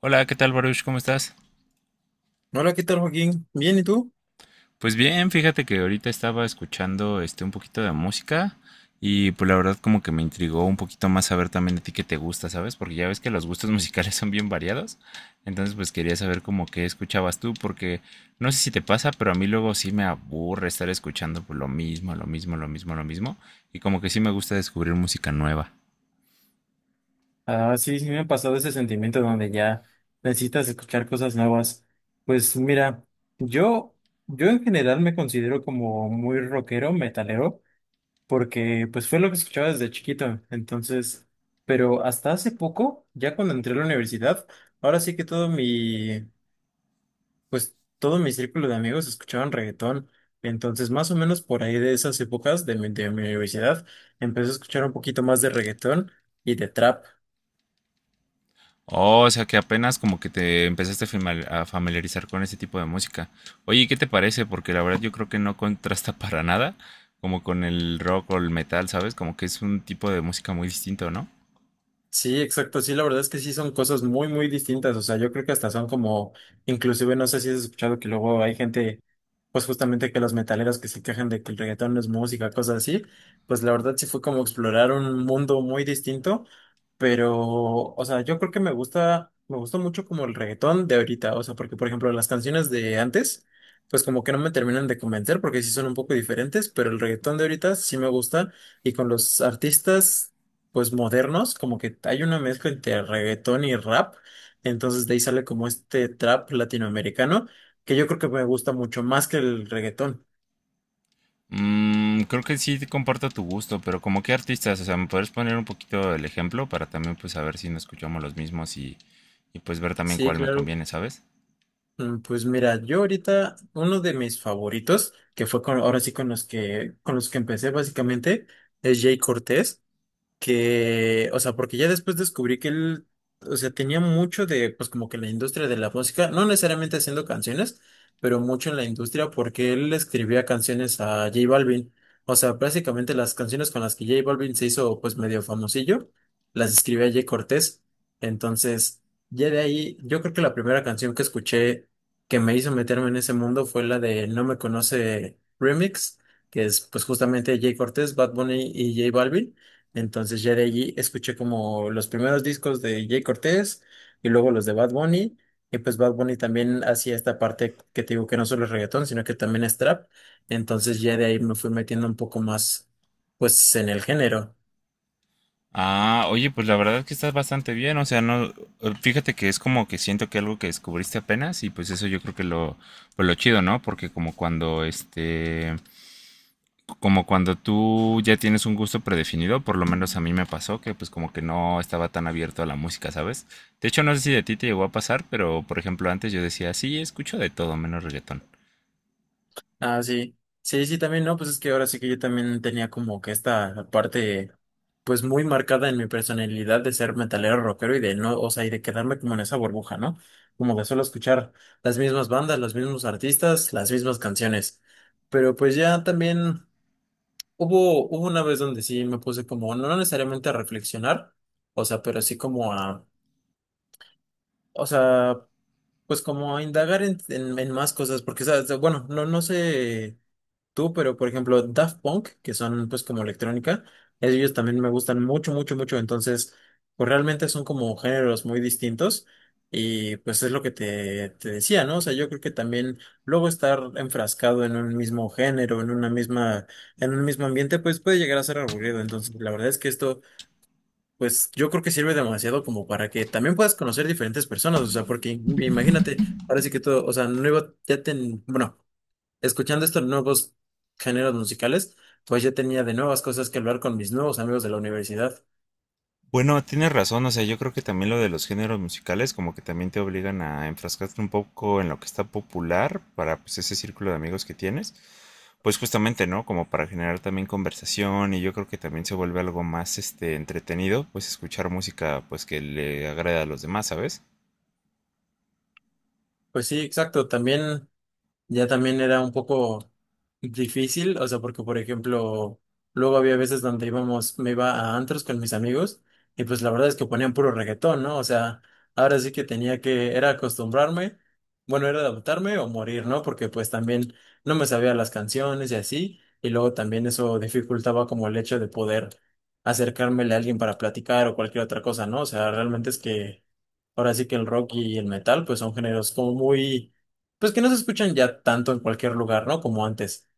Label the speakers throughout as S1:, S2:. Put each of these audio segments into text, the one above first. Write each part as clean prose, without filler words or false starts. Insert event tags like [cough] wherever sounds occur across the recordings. S1: Hola, ¿qué tal, Baruch? ¿Cómo estás?
S2: Hola, ¿qué tal, Joaquín? ¿Bien y tú?
S1: Pues bien, fíjate que ahorita estaba escuchando un poquito de música y pues la verdad como que me intrigó un poquito más saber también a ti qué te gusta, ¿sabes? Porque ya ves que los gustos [laughs] musicales son bien variados. Entonces, pues quería saber como qué escuchabas tú porque no sé si te pasa, pero a mí luego sí me aburre estar escuchando pues, lo mismo, lo mismo, lo mismo, lo mismo y como que sí me gusta descubrir música nueva.
S2: Ah, sí, sí me ha pasado ese sentimiento donde ya necesitas escuchar cosas nuevas. Pues mira, yo, yo en general me considero como muy rockero, metalero, porque pues fue lo que escuchaba desde chiquito. Entonces, pero hasta hace poco, ya cuando entré a la universidad, ahora sí que todo mi, pues todo mi círculo de amigos escuchaban reggaetón. Entonces, más o menos por ahí de esas épocas de mi universidad, empecé a escuchar un poquito más de reggaetón y de trap.
S1: Oh, o sea que apenas como que te empezaste a a familiarizar con ese tipo de música. Oye, ¿y qué te parece? Porque la verdad yo creo que no contrasta [laughs] para nada como con el rock o el metal, ¿sabes? Como que es un tipo de música muy distinto, ¿no?
S2: Sí, exacto. Sí, la verdad es que sí son cosas muy, muy distintas. O sea, yo creo que hasta son como, inclusive no sé si has escuchado que luego hay gente, pues justamente que los metaleros que se quejan de que el reggaetón no es música, cosas así. Pues la verdad sí fue como explorar un mundo muy distinto. Pero, o sea, yo creo que me gusta mucho como el reggaetón de ahorita. O sea, porque por ejemplo las canciones de antes, pues como que no me terminan de convencer porque sí son un poco diferentes, pero el reggaetón de ahorita sí me gusta. Y con los artistas pues modernos, como que hay una mezcla entre reggaetón y rap, entonces de ahí sale como este trap latinoamericano, que yo creo que me gusta mucho más que el reggaetón.
S1: Mm, creo que sí comparto tu gusto, pero como qué artistas, o sea, ¿me podrías poner un poquito el ejemplo para también pues saber si no escuchamos los mismos y pues ver también
S2: Sí,
S1: cuál me
S2: claro.
S1: conviene, ¿sabes?
S2: Pues mira, yo ahorita uno de mis favoritos, que fue con, ahora sí con los que empecé básicamente, es Jay Cortés, que, o sea, porque ya después descubrí que él, o sea, tenía mucho de, pues como que la industria de la música, no necesariamente haciendo canciones, pero mucho en la industria porque él escribía canciones a J Balvin. O sea, básicamente las canciones con las que J Balvin se hizo pues medio famosillo, las escribía Jay Cortés. Entonces, ya de ahí, yo creo que la primera canción que escuché que me hizo meterme en ese mundo fue la de No me conoce Remix, que es pues justamente Jay Cortés, Bad Bunny y J Balvin. Entonces ya de allí escuché como los primeros discos de Jay Cortés y luego los de Bad Bunny. Y pues Bad Bunny también hacía esta parte que te digo que no solo es reggaetón, sino que también es trap. Entonces ya de ahí me fui metiendo un poco más pues en el género.
S1: Ah, oye, pues la verdad es que estás bastante bien, o sea, no, fíjate que es como que siento que algo que descubriste apenas y pues eso yo creo que lo, pues lo chido, ¿no? Porque como cuando tú ya tienes un gusto predefinido, por lo menos a mí me pasó que pues como que no estaba tan abierto a la música, ¿sabes? De hecho, no sé si de ti te llegó a pasar, pero por ejemplo antes yo decía, sí, escucho de todo menos reggaetón.
S2: Ah, sí. Sí, sí, también, no, pues es que ahora sí que yo también tenía como que esta parte, pues muy marcada en mi personalidad de ser metalero rockero y de no, o sea, y de quedarme como en esa burbuja, ¿no? Como de solo escuchar las mismas bandas, los mismos artistas, las mismas canciones. Pero pues ya también hubo una vez donde sí me puse como, no necesariamente a reflexionar, o sea, pero sí como a, o sea, pues como a indagar en más cosas, porque, ¿sabes? Bueno, no, no sé tú, pero por ejemplo Daft Punk, que son pues como electrónica, ellos también me gustan mucho, mucho, mucho, entonces pues realmente son como géneros muy distintos y pues es lo que te decía, ¿no? O sea, yo creo que también luego estar enfrascado en un mismo género, en un mismo ambiente, pues puede llegar a ser aburrido, entonces la verdad es que esto pues yo creo que sirve demasiado como para que también puedas conocer diferentes personas, o sea, porque imagínate, ahora sí que todo, o sea, no iba, ya ten, bueno, escuchando estos nuevos géneros musicales, pues ya tenía de nuevas cosas que hablar con mis nuevos amigos de la universidad.
S1: Bueno, tienes razón, o sea, yo creo que también lo de los géneros musicales como que también te obligan a enfrascarte un poco en lo que está popular para pues ese círculo de amigos que tienes, pues justamente, ¿no? Como para generar también conversación y yo creo que también se vuelve algo más entretenido, pues escuchar música pues que le agrade a los demás, ¿sabes?
S2: Pues sí, exacto. También ya también era un poco difícil, o sea, porque por ejemplo, luego había veces donde íbamos, me iba a antros con mis amigos y pues la verdad es que ponían puro reggaetón, ¿no? O sea, ahora sí que tenía que, era acostumbrarme, bueno, era adaptarme o morir, ¿no? Porque pues también no me sabía las canciones y así, y luego también eso dificultaba como el hecho de poder acercármele a alguien para platicar o cualquier otra cosa, ¿no? O sea, realmente es que ahora sí que el rock y el metal pues son géneros como muy pues que no se escuchan ya tanto en cualquier lugar, ¿no? Como antes.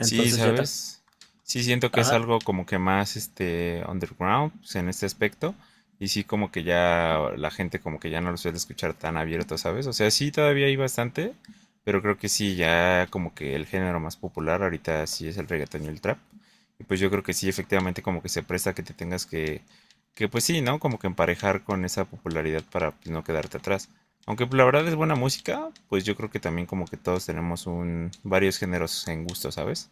S1: Sí,
S2: ya está.
S1: ¿sabes? Sí siento que es
S2: Ajá.
S1: algo como que más underground pues, en este aspecto y sí como que ya la gente como que ya no lo suele escuchar tan abierto, ¿sabes? O sea, sí todavía hay bastante, pero creo que sí ya como que el género más popular ahorita sí es el reggaetón y el trap. Y pues yo creo que sí efectivamente como que se presta que te tengas que pues sí, ¿no? Como que emparejar con esa popularidad para pues, no quedarte atrás. Aunque pues, la verdad es buena música, pues yo creo que también como que todos tenemos un varios géneros en gusto, ¿sabes?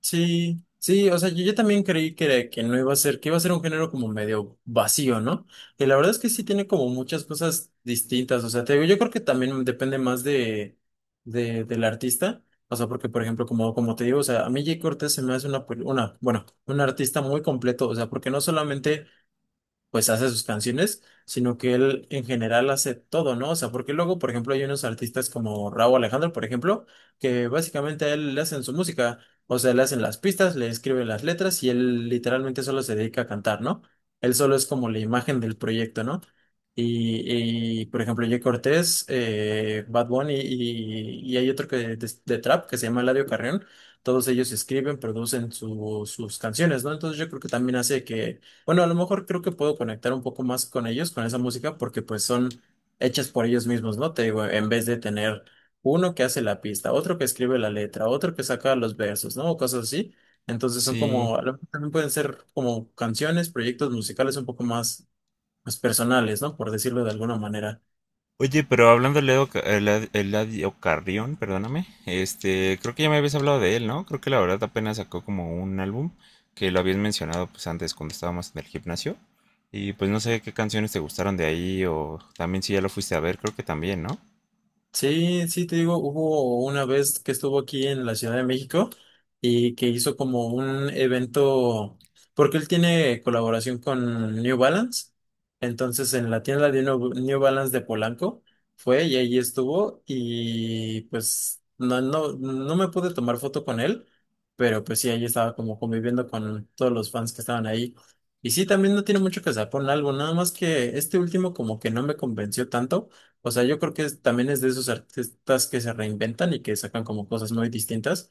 S2: Sí, sí, o sea, yo también creí que, era- que no iba a ser, que iba a ser un género como medio vacío, ¿no? Y la verdad es que sí tiene como muchas cosas distintas. O sea, te digo, yo creo que también depende más de, del artista. O sea, porque, por ejemplo, como, como te digo, o sea, a mí Jay Cortés se me hace bueno, un artista muy completo. O sea, porque no solamente pues hace sus canciones, sino que él en general hace todo, ¿no? O sea, porque luego, por ejemplo, hay unos artistas como Rauw Alejandro, por ejemplo, que básicamente a él le hacen su música, o sea, le hacen las pistas, le escriben las letras y él literalmente solo se dedica a cantar, ¿no? Él solo es como la imagen del proyecto, ¿no? Por ejemplo, Jay Cortés, Bad Bunny y hay otro que de trap que se llama Eladio Carrión. Todos ellos escriben, producen sus canciones, ¿no? Entonces yo creo que también hace que bueno, a lo mejor creo que puedo conectar un poco más con ellos, con esa música, porque pues son hechas por ellos mismos, ¿no? Te digo, en vez de tener uno que hace la pista, otro que escribe la letra, otro que saca los versos, ¿no? O cosas así. Entonces son
S1: Sí.
S2: como, a lo mejor también pueden ser como canciones, proyectos musicales un poco más, más personales, ¿no? Por decirlo de alguna manera.
S1: Oye, pero hablando de Leo, Eladio Carrión, perdóname, este, creo que ya me habías hablado de él, ¿no? Creo que la verdad apenas sacó como un álbum que lo habías mencionado pues antes cuando estábamos en el gimnasio. Y pues no sé qué canciones te gustaron de ahí o también si ya lo fuiste a ver, creo que también, ¿no?
S2: Sí, sí, te digo, hubo una vez que estuvo aquí en la Ciudad de México y que hizo como un evento, porque él tiene colaboración con New Balance, entonces en la tienda de New Balance de Polanco fue y ahí estuvo y pues no, no, no me pude tomar foto con él, pero pues sí, ahí estaba como conviviendo con todos los fans que estaban ahí. Y sí, también no tiene mucho que sacar un álbum, nada más que este último como que no me convenció tanto, o sea, yo creo que es- también es de esos artistas que se reinventan y que sacan como cosas muy distintas.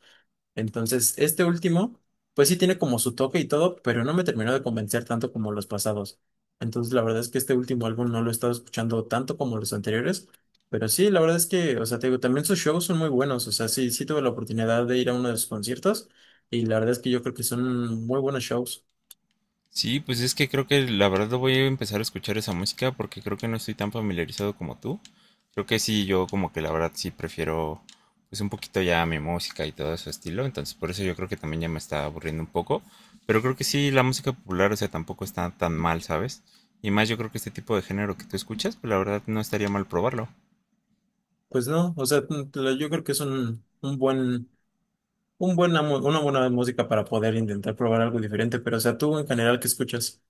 S2: Entonces, este último, pues sí tiene como su toque y todo, pero no me terminó de convencer tanto como los pasados. Entonces, la verdad es que este último álbum no lo he estado escuchando tanto como los anteriores, pero sí, la verdad es que, o sea, te digo, también sus shows son muy buenos. O sea, sí, sí tuve la oportunidad de ir a uno de sus conciertos y la verdad es que yo creo que son muy buenos shows.
S1: Sí, pues es que creo que la verdad voy a empezar a escuchar esa música porque creo que no estoy tan familiarizado como tú. Creo que sí, yo como que la verdad sí prefiero pues un poquito ya mi música y todo ese estilo, entonces por eso yo creo que también ya me está aburriendo un poco, pero creo que sí, la música popular, o sea, tampoco está tan mal, ¿sabes? Y más yo creo que este tipo de género que tú escuchas, pues la verdad no estaría mal probarlo.
S2: Pues no, o sea, yo creo que es un buen un buena mu- una buena música para poder intentar probar algo diferente, pero o sea, tú en general, ¿qué escuchas?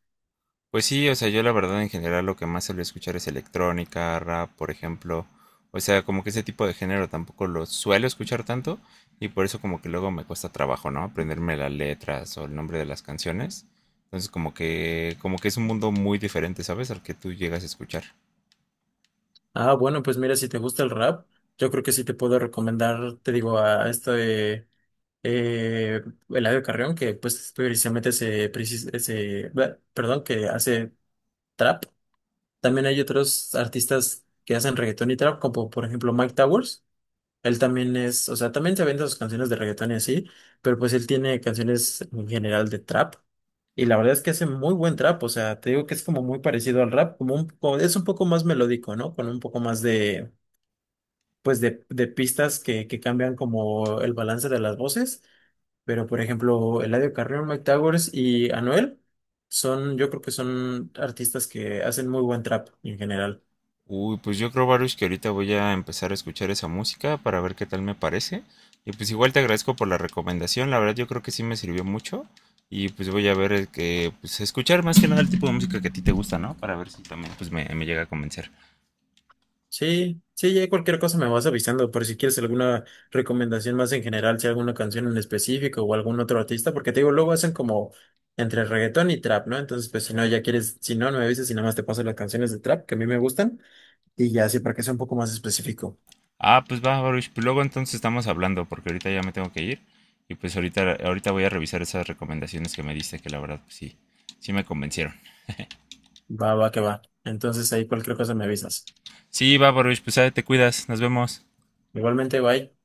S1: Pues sí, o sea, yo la verdad en general lo que más suelo escuchar es electrónica, rap, por ejemplo. O sea, como que ese tipo de género tampoco lo suelo escuchar tanto y por eso como que luego me cuesta trabajo, ¿no? Aprenderme las letras o el nombre de las canciones. Entonces como que es un mundo muy diferente, ¿sabes? Al que tú llegas a escuchar.
S2: Ah, bueno, pues mira, si te gusta el rap, yo creo que sí te puedo recomendar, te digo, a este eh, Eladio Carrión, que pues precisamente se, precis- ese, perdón, que hace trap. También hay otros artistas que hacen reggaetón y trap, como por ejemplo Mike Towers. Él también es, o sea, también se vende sus canciones de reggaetón y así, pero pues él tiene canciones en general de trap. Y la verdad es que hace muy buen trap, o sea, te digo que es como muy parecido al rap, como un, como- es un poco más melódico, ¿no? Con un poco más de, pues de pistas que cambian como el balance de las voces. Pero, por ejemplo, Eladio Carrión, Mike Towers y Anuel son, yo creo que son artistas que hacen muy buen trap en general.
S1: Uy, pues yo creo, Baruch, que ahorita voy a empezar a escuchar esa música para ver qué tal me parece. Y pues igual te agradezco por la recomendación, la verdad yo creo que sí me sirvió mucho. Y pues voy a ver el que, pues escuchar más que nada el tipo de música que a ti te gusta, ¿no? Para ver si también pues me llega a convencer.
S2: Sí, sí, ya cualquier cosa me vas avisando por si quieres alguna recomendación más en general, si alguna canción en específico o algún otro artista, porque te digo, luego hacen como entre reggaetón y trap, ¿no? Entonces, pues si no, ya quieres, si no, no me avisas y nada más te paso las canciones de trap que a mí me gustan y ya así para que sea un poco más específico.
S1: Ah, pues va, Baruch, pues luego entonces estamos hablando porque ahorita ya me tengo que ir. Y pues ahorita voy a revisar esas recomendaciones que me diste, que la verdad pues sí, sí me convencieron.
S2: Va, va, que va. Entonces ahí cualquier cosa me avisas.
S1: Sí, va, Baruch, pues te cuidas, nos vemos.
S2: Igualmente, bye.